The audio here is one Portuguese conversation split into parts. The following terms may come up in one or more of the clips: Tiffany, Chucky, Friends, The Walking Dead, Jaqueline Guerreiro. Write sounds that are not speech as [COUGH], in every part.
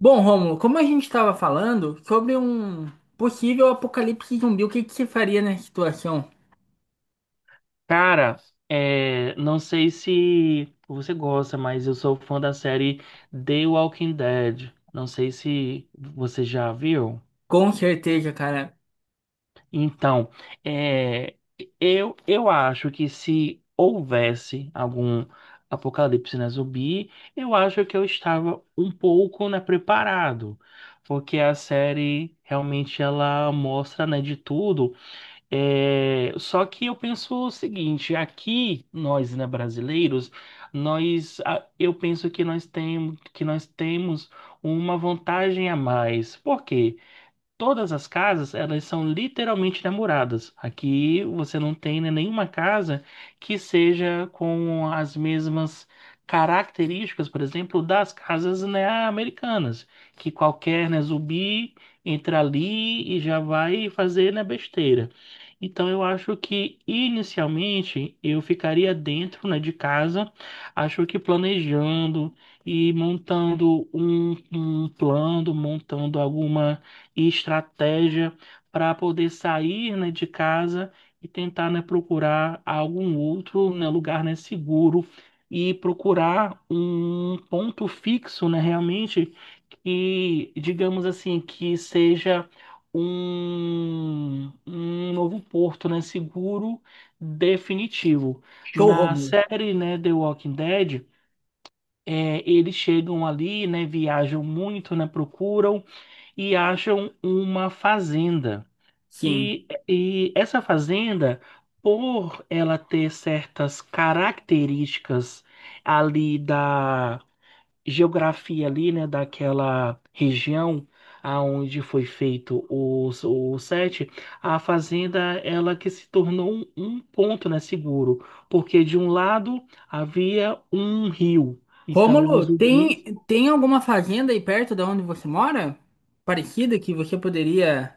Bom, Rômulo, como a gente estava falando sobre um possível apocalipse zumbi, o que que você faria nessa situação? Cara, não sei se você gosta, mas eu sou fã da série The Walking Dead. Não sei se você já viu. Com certeza, cara. Então, é, eu acho que se houvesse algum apocalipse na zumbi, eu acho que eu estava um pouco, né, preparado. Porque a série realmente ela mostra, né, de tudo. É, só que eu penso o seguinte, aqui nós, né, brasileiros, eu penso que que nós temos uma vantagem a mais. Por quê? Todas as casas, elas são literalmente namoradas. Aqui você não tem, né, nenhuma casa que seja com as mesmas características, por exemplo, das casas, né, americanas, que qualquer, né, zumbi entra ali e já vai fazer, né, besteira. Então eu acho que inicialmente eu ficaria dentro, né, de casa, acho que planejando e montando um plano, montando alguma e estratégia para poder sair, né, de casa e tentar, né, procurar algum outro, né, lugar, né, seguro e procurar um ponto fixo, né, realmente que, digamos assim, que seja um novo porto, né, seguro definitivo. Show, Na Rômulo. série, né, The Walking Dead, eles chegam ali, né, viajam muito, né, procuram e acham uma fazenda. Sim. E essa fazenda, por ela ter certas características ali da geografia ali, né, daquela região aonde foi feito o set, a fazenda ela que se tornou um ponto, né, seguro, porque de um lado havia um rio, então os Rômulo, zumbis. tem alguma fazenda aí perto da onde você mora? Parecida que você poderia.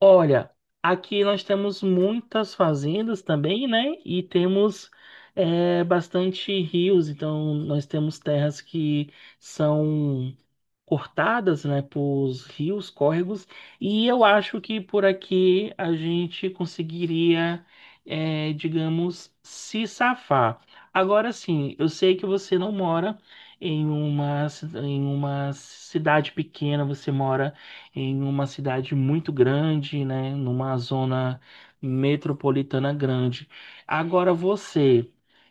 Olha, aqui nós temos muitas fazendas também, né? E temos bastante rios, então nós temos terras que são cortadas, né, por rios, córregos, e eu acho que por aqui a gente conseguiria, é, digamos, se safar. Agora sim, eu sei que você não mora em uma cidade pequena, você mora em uma cidade muito grande, né, numa zona metropolitana grande. Agora você,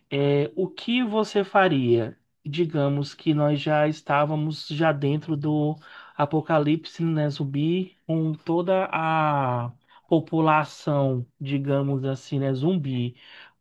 é, o que você faria? Digamos que nós já estávamos já dentro do apocalipse, né, zumbi, com toda a população, digamos assim, né, zumbi.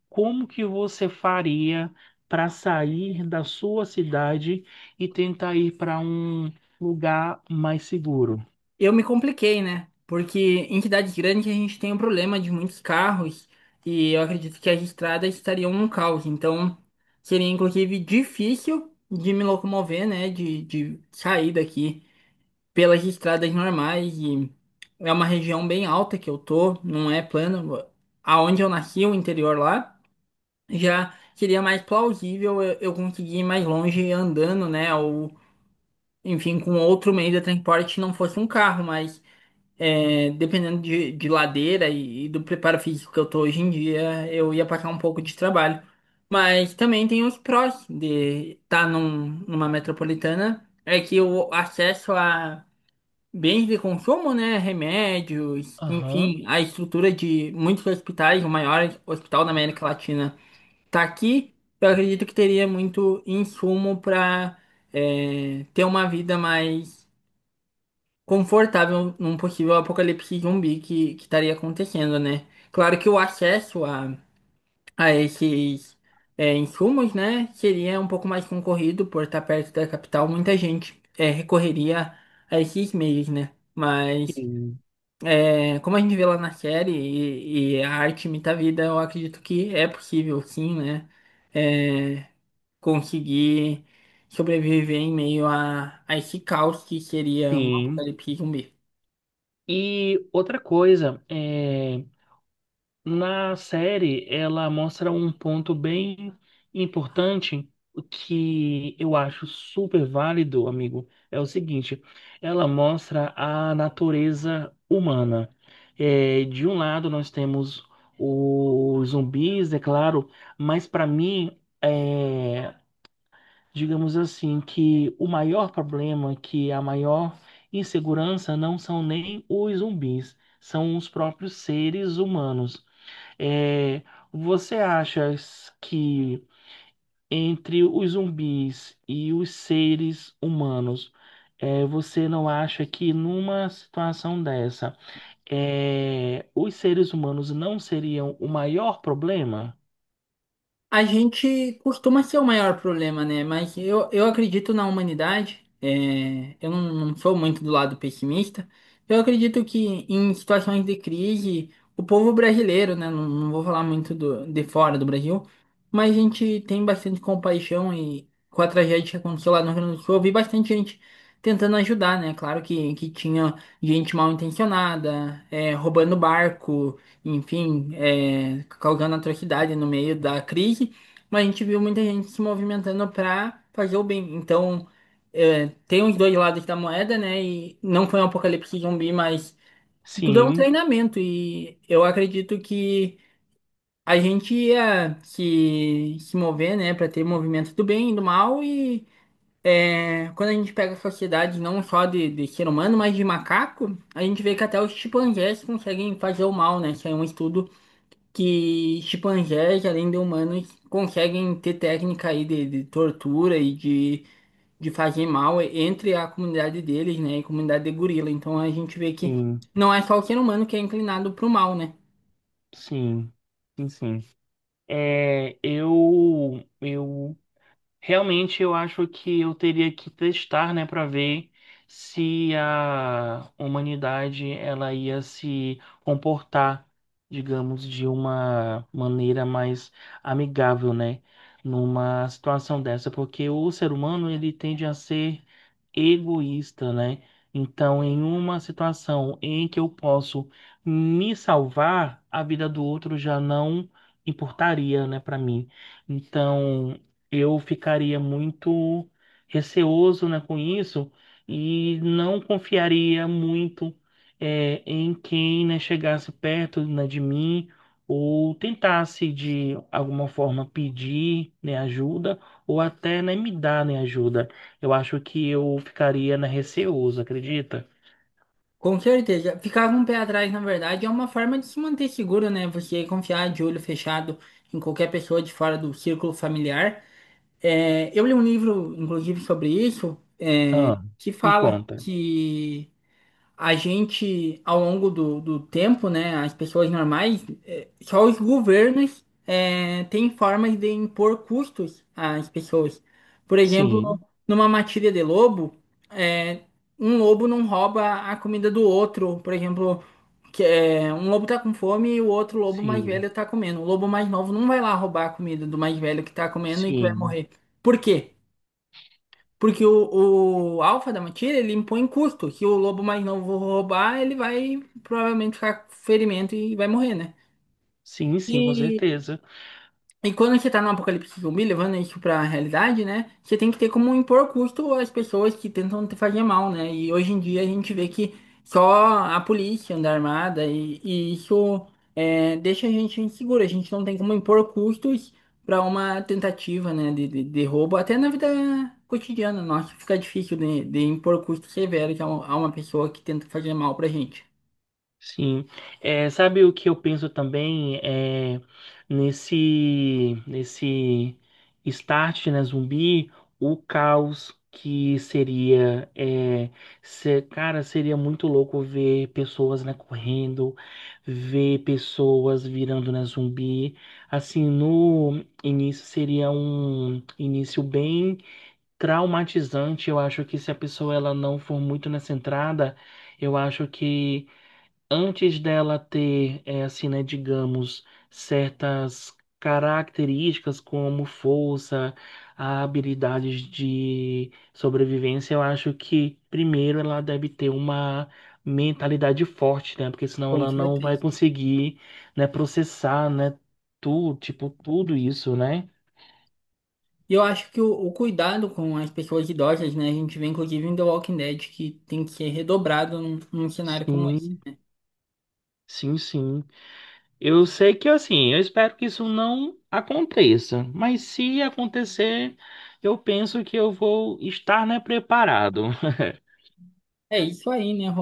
Como que você faria para sair da sua cidade e tentar ir para um lugar mais seguro? Eu me compliquei, né? Porque em cidades grandes a gente tem um problema de muitos carros e eu acredito que as estradas estariam um caos. Então, seria inclusive difícil de me locomover, né? De sair daqui, pelas estradas normais. E é uma região bem alta que eu tô, não é plano. Aonde eu nasci, o interior lá, já seria mais plausível eu conseguir ir mais longe andando, né? Ou, enfim, com outro meio de transporte, não fosse um carro, mas dependendo de ladeira e do preparo físico que eu tô hoje em dia, eu ia passar um pouco de trabalho. Mas também tem os prós de estar numa metropolitana, é que o acesso a bens de consumo, né? Remédios, Aham. enfim, a estrutura de muitos hospitais, o maior hospital da América Latina está aqui. Eu acredito que teria muito insumo para ter uma vida mais confortável num possível apocalipse zumbi que estaria acontecendo, né? Claro que o acesso a esses insumos, né, seria um pouco mais concorrido por estar perto da capital. Muita gente recorreria a esses meios, né? Mas. Sim. É, como a gente vê lá na série, e a arte imita a vida, eu acredito que é possível, sim, né? É, conseguir sobreviver em meio a esse caos que seria um Sim. apocalipse zumbi. E outra coisa, é, na série, ela mostra um ponto bem importante que eu acho super válido, amigo. É o seguinte: ela mostra a natureza humana. É, de um lado, nós temos os zumbis, é claro, mas para mim, digamos assim, que o maior problema, que a maior insegurança, não são nem os zumbis, são os próprios seres humanos. é, você acha que entre os zumbis e os seres humanos, você não acha que numa situação dessa, os seres humanos não seriam o maior problema? A gente costuma ser o maior problema, né? Mas eu acredito na humanidade. Eu não sou muito do lado pessimista. Eu acredito que em situações de crise, o povo brasileiro, né? Não, não vou falar muito do, de fora do Brasil, mas a gente tem bastante compaixão. E com a tragédia que aconteceu lá no Rio Grande do Sul, eu vi bastante gente tentando ajudar, né? Claro que tinha gente mal intencionada, roubando barco, enfim, causando atrocidade no meio da crise, mas a gente viu muita gente se movimentando para fazer o bem. Então, tem os dois lados da moeda, né? E não foi um apocalipse zumbi, mas tudo é um Sim, treinamento. E eu acredito que a gente ia se mover, né, para ter movimento do bem e do mal. E quando a gente pega a sociedade, não só de ser humano, mas de macaco, a gente vê que até os chimpanzés conseguem fazer o mal, né? Isso é um estudo que chimpanzés, além de humanos, conseguem ter técnica aí de tortura e de fazer mal entre a comunidade deles, né, e comunidade de gorila. Então a gente vê que sim, não é só o ser humano que é inclinado para o mal, né? sim, sim, sim. Eu realmente eu acho que eu teria que testar, né, para ver se a humanidade ela ia se comportar, digamos, de uma maneira mais amigável, né, numa situação dessa, porque o ser humano ele tende a ser egoísta, né? Então, em uma situação em que eu posso me salvar, a vida do outro já não importaria, né, para mim. Então, eu ficaria muito receoso, né, com isso e não confiaria muito em quem, né, chegasse perto, né, de mim ou tentasse de alguma forma pedir, né, ajuda ou até, né, me dar, né, ajuda. Eu acho que eu ficaria na receoso, acredita? Com certeza. Ficar com o pé atrás, na verdade, é uma forma de se manter seguro, né? Você confiar de olho fechado em qualquer pessoa de fora do círculo familiar. É, eu li um livro, inclusive, sobre isso, Ah, que me fala conta. que a gente, ao longo do tempo, né, as pessoas normais, só os governos têm formas de impor custos às pessoas. Por exemplo, Sim, numa matilha de lobo, eh, um lobo não rouba a comida do outro. Por exemplo, um lobo tá com fome e o outro lobo mais sim, velho tá comendo. O lobo mais novo não vai lá roubar a comida do mais velho que tá comendo e que vai sim, morrer. Por quê? Porque o alfa da matilha, ele impõe custo. Se o lobo mais novo roubar, ele vai provavelmente ficar com ferimento e vai morrer, né? sim, sim, com certeza. E quando você tá no apocalipse zumbi, levando isso pra realidade, né? Você tem que ter como impor custo às pessoas que tentam te fazer mal, né? E hoje em dia a gente vê que só a polícia anda armada e isso deixa a gente inseguro. A gente não tem como impor custos para uma tentativa, né, de roubo. Até na vida cotidiana, nossa, fica difícil de impor custos severos a a uma pessoa que tenta fazer mal pra gente. Sim, é, sabe o que eu penso também é nesse start na zumbi, o caos que seria é, se- cara, seria muito louco ver pessoas né, correndo, ver pessoas virando na zumbi. Assim, no início seria um início bem traumatizante. Eu acho que se a pessoa ela não for muito nessa entrada, eu acho que antes dela ter, eh, assim, né, digamos, certas características como força, habilidades de sobrevivência, eu acho que primeiro ela deve ter uma mentalidade forte, né? Porque senão Com ela não vai certeza. conseguir, né, processar, né, tudo, tipo, tudo isso, né? E eu acho que o cuidado com as pessoas idosas, né? A gente vê inclusive em The Walking Dead que tem que ser redobrado num cenário como esse. Sim, sim, sim. Eu sei que assim, eu espero que isso não aconteça, mas se acontecer, eu penso que eu vou estar, né, preparado. [LAUGHS] É isso aí, né?